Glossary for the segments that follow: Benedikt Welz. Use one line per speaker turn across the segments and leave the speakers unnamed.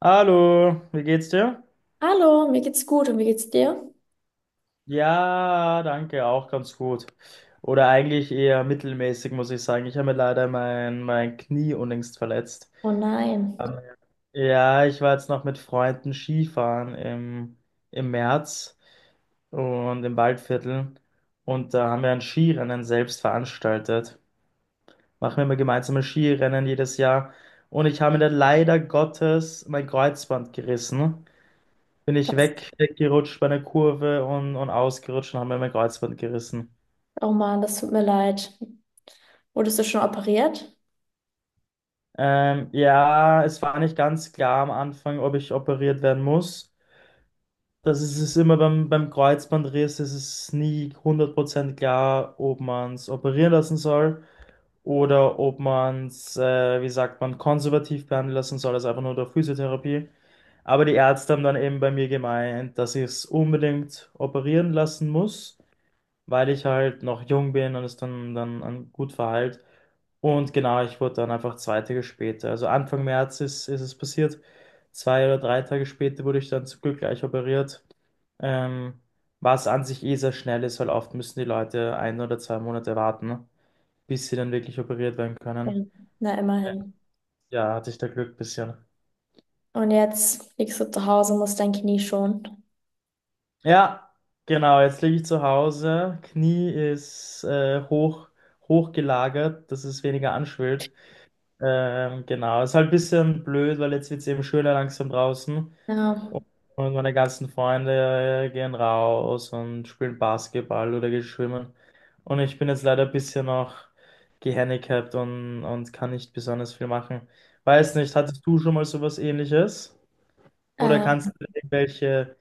Hallo, wie geht's dir?
Hallo, mir geht's gut und wie geht's dir?
Ja, danke, auch ganz gut. Oder eigentlich eher mittelmäßig, muss ich sagen. Ich habe mir leider mein Knie unlängst verletzt.
Oh nein,
Ähm, Ja, ich war jetzt noch mit Freunden Skifahren im März und im Waldviertel. Und da haben wir ein Skirennen selbst veranstaltet. Machen wir immer gemeinsame Skirennen jedes Jahr. Und ich habe mir da leider Gottes mein Kreuzband gerissen. Bin ich
das,
weggerutscht bei einer Kurve und ausgerutscht und habe mir mein Kreuzband gerissen.
oh Mann, das tut mir leid. Wurdest du schon operiert?
Ja, es war nicht ganz klar am Anfang, ob ich operiert werden muss. Das ist es immer beim Kreuzbandriss, ist es nie 100% klar, ob man es operieren lassen soll oder ob man es, wie sagt man, konservativ behandeln lassen soll, also einfach nur durch Physiotherapie. Aber die Ärzte haben dann eben bei mir gemeint, dass ich es unbedingt operieren lassen muss, weil ich halt noch jung bin und es dann gut war halt. Und genau, ich wurde dann einfach 2 Tage später, also Anfang März ist es passiert. 2 oder 3 Tage später wurde ich dann zum Glück gleich operiert. Ähm, Was an sich eh sehr schnell ist, weil oft müssen die Leute 1 oder 2 Monate warten, ne, bis sie dann wirklich operiert werden
Ja.
können.
Na, immerhin.
Ja, hatte ich da Glück bisschen.
Und jetzt liegst du zu Hause, musst dein Knie schonen.
Ja, genau, jetzt liege ich zu Hause. Knie ist hoch, hochgelagert, dass es weniger anschwillt. Genau, ist halt ein bisschen blöd, weil jetzt wird es eben schöner langsam draußen.
Ja,
Und meine ganzen Freunde gehen raus und spielen Basketball oder gehen schwimmen. Und ich bin jetzt leider ein bisschen noch gehandicapt und kann nicht besonders viel machen. Weiß nicht, hattest du schon mal sowas Ähnliches? Oder
äh,
kannst du mir irgendwelche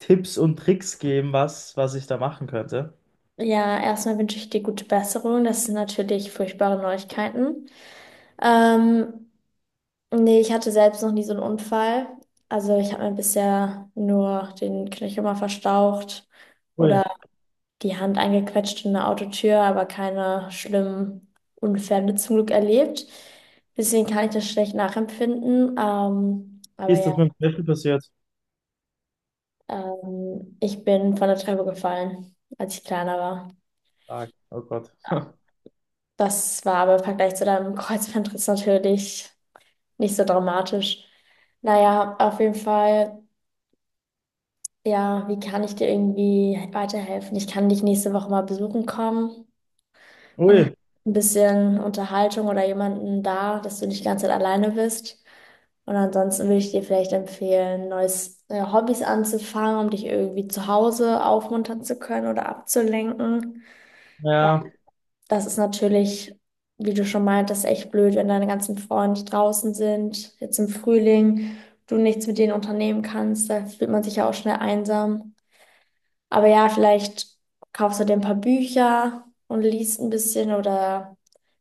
Tipps und Tricks geben, was ich da machen könnte?
ja, erstmal wünsche ich dir gute Besserung. Das sind natürlich furchtbare Neuigkeiten. Ähm, Nee, ich hatte selbst noch nie so einen Unfall. Also ich habe mir bisher nur den Knöchel mal verstaucht
Ui,
oder die Hand eingequetscht in eine Autotür, aber keine schlimmen Unfälle zum Glück erlebt. Deswegen kann ich das schlecht nachempfinden. Aber
ist
ja,
das mit dem Löffel passiert?
ich bin von der Treppe gefallen, als ich kleiner war.
Stark. Oh Gott.
Ja, das war aber im Vergleich zu deinem Kreuzbandriss natürlich nicht so dramatisch. Naja, auf jeden Fall. Ja, wie kann ich dir irgendwie weiterhelfen? Ich kann dich nächste Woche mal besuchen kommen. Dann
Ui,
ein bisschen Unterhaltung oder jemanden da, dass du nicht die ganze Zeit alleine bist. Und ansonsten würde ich dir vielleicht empfehlen, neues Hobbys anzufangen, um dich irgendwie zu Hause aufmuntern zu können oder abzulenken. Weil
ja.
das ist natürlich, wie du schon meintest, echt blöd, wenn deine ganzen Freunde draußen sind, jetzt im Frühling, du nichts mit denen unternehmen kannst, da fühlt man sich ja auch schnell einsam. Aber ja, vielleicht kaufst du dir ein paar Bücher und liest ein bisschen oder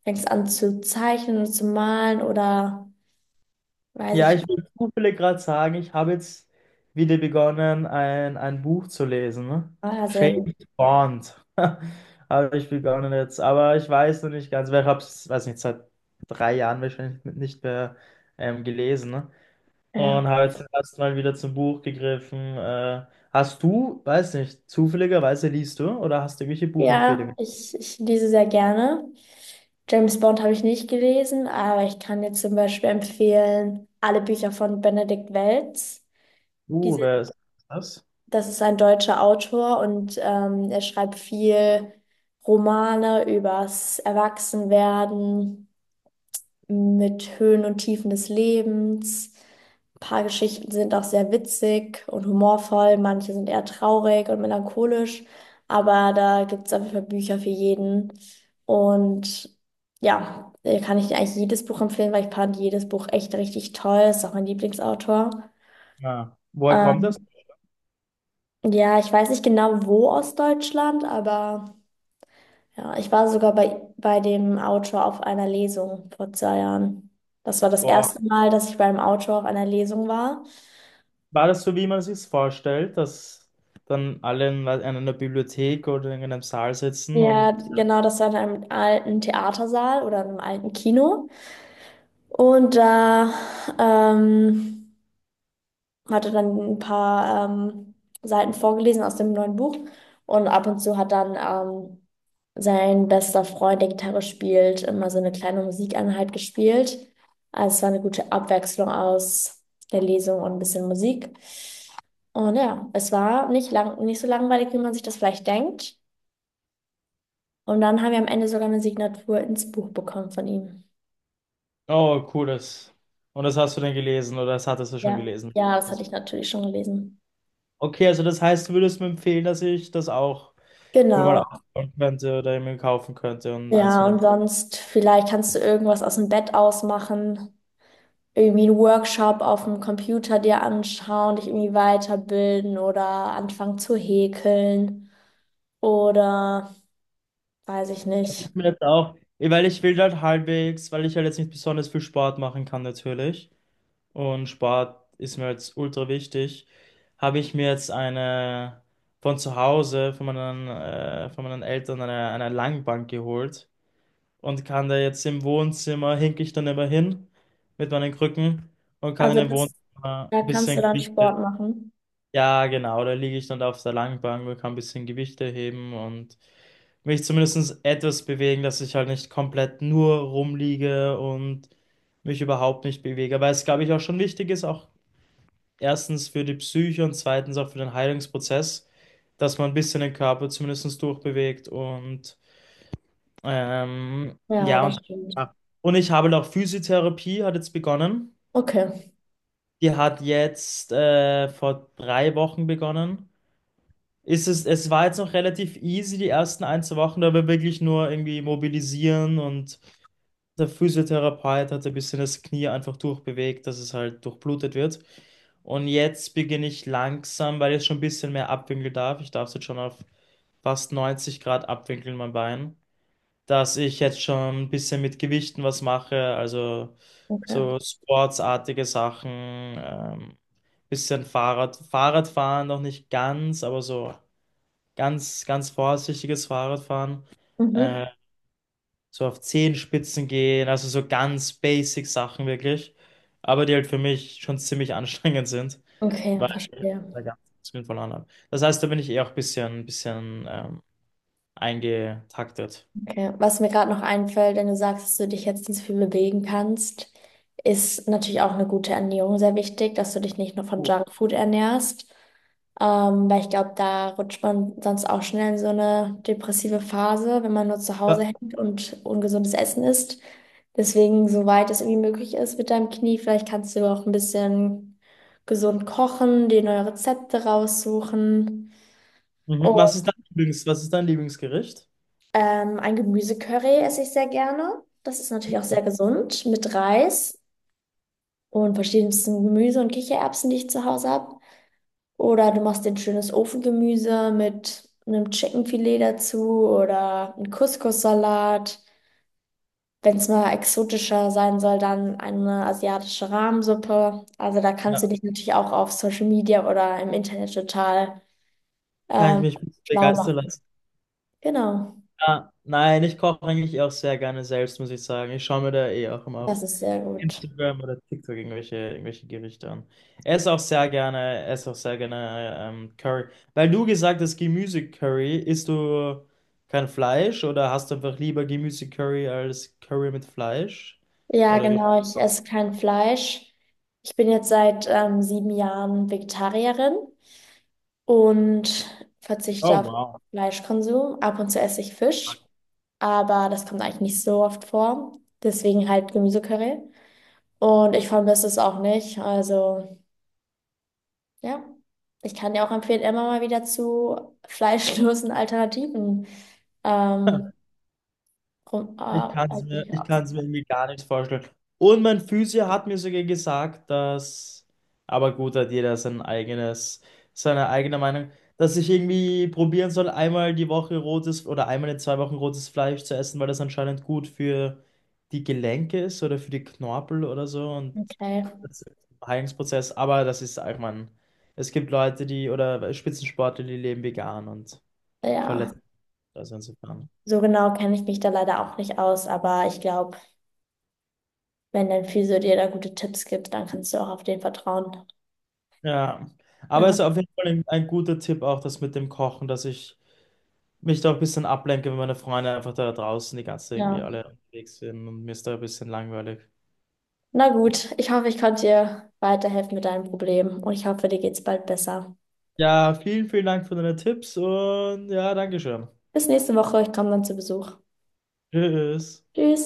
fängst an zu zeichnen und zu malen oder weiß
Ja,
ich nicht.
ich will zufällig gerade sagen, ich habe jetzt wieder begonnen, ein Buch zu lesen, ne?
Ah, sehr,
James Bond. Habe ich begonnen jetzt. Aber ich weiß noch nicht ganz, weil ich habe es, weiß nicht, seit 3 Jahren wahrscheinlich nicht mehr gelesen. Ne?
ja,
Und habe jetzt erst mal wieder zum Buch gegriffen. Hast du, weiß nicht, zufälligerweise liest du oder hast du irgendwelche
ja,
Buchempfehlungen?
ich lese sehr gerne. James Bond habe ich nicht gelesen, aber ich kann dir zum Beispiel empfehlen, alle Bücher von Benedikt Welz. Die sind,
Wer ist das?
das ist ein deutscher Autor und er schreibt viel Romane übers Erwachsenwerden mit Höhen und Tiefen des Lebens. Ein paar Geschichten sind auch sehr witzig und humorvoll, manche sind eher traurig und melancholisch, aber da gibt es auf jeden Fall Bücher für jeden. Und ja, kann ich eigentlich jedes Buch empfehlen, weil ich fand jedes Buch echt richtig toll. Ist auch mein Lieblingsautor.
Ja. Woher kommt das?
Ähm, ja, ich weiß nicht genau wo aus Deutschland, aber. Ja, ich war sogar bei dem Autor auf einer Lesung vor zwei Jahren. Das war das
Boah.
erste Mal, dass ich beim Autor auf einer Lesung war.
War das so, wie man sich vorstellt, dass dann alle in einer Bibliothek oder in einem Saal sitzen
Ja,
und
genau, das war in einem alten Theatersaal oder in einem alten Kino. Und da ähm, hat er dann ein paar Seiten vorgelesen aus dem neuen Buch. Und ab und zu hat dann sein bester Freund, der Gitarre spielt, immer so eine kleine Musikeinheit gespielt. Also es war eine gute Abwechslung aus der Lesung und ein bisschen Musik. Und ja, es war nicht lang, nicht so langweilig, wie man sich das vielleicht denkt. Und dann haben wir am Ende sogar eine Signatur ins Buch bekommen von ihm.
oh, cool, das. Und das hast du denn gelesen oder das hattest du schon
Ja,
gelesen?
ja, das
Das,
hatte ich natürlich schon gelesen.
okay, also das heißt, du würdest mir empfehlen, dass ich das auch mir mal
Genau.
aufbauen könnte oder mir kaufen könnte und eins von
Ja, und
dem.
sonst, vielleicht kannst du irgendwas aus dem Bett ausmachen, irgendwie einen Workshop auf dem Computer dir anschauen, dich irgendwie weiterbilden oder anfangen zu häkeln oder weiß ich
Also
nicht.
ich mir jetzt auch, weil ich will halt halbwegs, weil ich halt jetzt nicht besonders viel Sport machen kann natürlich, und Sport ist mir jetzt ultra wichtig, habe ich mir jetzt eine von zu Hause, von von meinen Eltern, eine Langbank geholt und kann da jetzt im Wohnzimmer, hinke ich dann immer hin mit meinen Krücken und kann in
Also
dem
das,
Wohnzimmer
da
ein
kannst du
bisschen
dann
Gewichte,
Sport machen.
ja genau, da liege ich dann auf der Langbank und kann ein bisschen Gewichte heben und mich zumindest etwas bewegen, dass ich halt nicht komplett nur rumliege und mich überhaupt nicht bewege, weil es, glaube ich, auch schon wichtig ist, auch erstens für die Psyche und zweitens auch für den Heilungsprozess, dass man ein bisschen den Körper zumindest durchbewegt und ähm,
Ja,
ja,
das
und,
stimmt.
und ich habe auch Physiotherapie hat jetzt begonnen.
Okay,
Die hat jetzt vor 3 Wochen begonnen. Es war jetzt noch relativ easy, die ersten 2 Wochen, da wir wirklich nur irgendwie mobilisieren und der Physiotherapeut hat ein bisschen das Knie einfach durchbewegt, dass es halt durchblutet wird. Und jetzt beginne ich langsam, weil ich jetzt schon ein bisschen mehr abwinkeln darf. Ich darf es jetzt schon auf fast 90 Grad abwinkeln, mein Bein. Dass ich jetzt schon ein bisschen mit Gewichten was mache, also
okay.
so sportsartige Sachen, bisschen Fahrradfahren noch nicht ganz, aber so ganz vorsichtiges Fahrradfahren. äh,
Mhm.
so auf Zehenspitzen gehen, also so ganz basic Sachen wirklich, aber die halt für mich schon ziemlich anstrengend sind,
Okay,
weil ich
verstehe.
da ganz viel verloren habe. Das heißt, da bin ich eh auch ein ein bisschen eingetaktet.
Okay. Was mir gerade noch einfällt, wenn du sagst, dass du dich jetzt nicht so viel bewegen kannst, ist natürlich auch eine gute Ernährung sehr wichtig, dass du dich nicht nur von
Oh.
Junkfood ernährst. Weil ich glaube, da rutscht man sonst auch schnell in so eine depressive Phase, wenn man nur zu Hause
Wa-
hängt und ungesundes Essen isst. Deswegen, soweit es irgendwie möglich ist mit deinem Knie, vielleicht kannst du auch ein bisschen gesund kochen, dir neue Rezepte raussuchen.
mhm. Was ist dein was ist dein Lieblingsgericht?
Ein Gemüsecurry esse ich sehr gerne. Das ist natürlich auch sehr gesund mit Reis und verschiedensten Gemüse und Kichererbsen, die ich zu Hause habe. Oder du machst dir ein schönes Ofengemüse mit einem Chickenfilet dazu oder einen Couscous-Salat. Wenn es mal exotischer sein soll, dann eine asiatische Rahmsuppe. Also da kannst du
Ja,
dich natürlich auch auf Social Media oder im Internet total
kann ich
ähm,
mich ein bisschen
schlau
begeistern
machen.
lassen.
Genau,
Ah, nein, ich koche eigentlich auch sehr gerne selbst, muss ich sagen. Ich schaue mir da eh auch immer auf
das ist sehr gut.
Instagram oder TikTok irgendwelche Gerichte an. Ess auch sehr gerne, ess auch sehr gerne Curry. Weil du gesagt hast, Gemüse-Curry, isst du kein Fleisch oder hast du einfach lieber Gemüse-Curry als Curry mit Fleisch?
Ja,
Oder wie?
genau. Ich esse kein Fleisch. Ich bin jetzt seit 7 Jahren Vegetarierin und verzichte
Oh,
auf
wow.
Fleischkonsum. Ab und zu esse ich Fisch, aber das kommt eigentlich nicht so oft vor. Deswegen halt Gemüsecurry. Und ich vermisse es auch nicht. Also ja, ich kann dir auch empfehlen, immer mal wieder zu fleischlosen Alternativen ähm,
Ich kann es
halt
mir,
dich
ich
aus.
kann es mir irgendwie gar nicht vorstellen. Und mein Physio hat mir sogar gesagt, dass, aber gut, hat jeder sein eigenes, seine eigene Meinung, dass ich irgendwie probieren soll, einmal die Woche rotes oder einmal in 2 Wochen rotes Fleisch zu essen, weil das anscheinend gut für die Gelenke ist oder für die Knorpel oder so und
Okay.
das ist ein Heilungsprozess. Aber das ist, ich meine, es gibt Leute, die oder Spitzensportler, die leben vegan und
Ja.
verletzen. Also insofern.
So genau kenne ich mich da leider auch nicht aus, aber ich glaube, wenn dein Physio dir da gute Tipps gibt, dann kannst du auch auf den vertrauen.
Ja, aber es
Ja,
ist auf jeden Fall ein guter Tipp auch, das mit dem Kochen, dass ich mich da ein bisschen ablenke, wenn meine Freunde einfach da draußen die ganze Zeit irgendwie
ja.
alle unterwegs sind und mir ist da ein bisschen langweilig.
Na gut, ich hoffe, ich konnte dir weiterhelfen mit deinem Problem und ich hoffe, dir geht's bald besser.
Ja, vielen Dank für deine Tipps und ja, Dankeschön.
Bis nächste Woche, ich komme dann zu Besuch.
Tschüss.
Tschüss.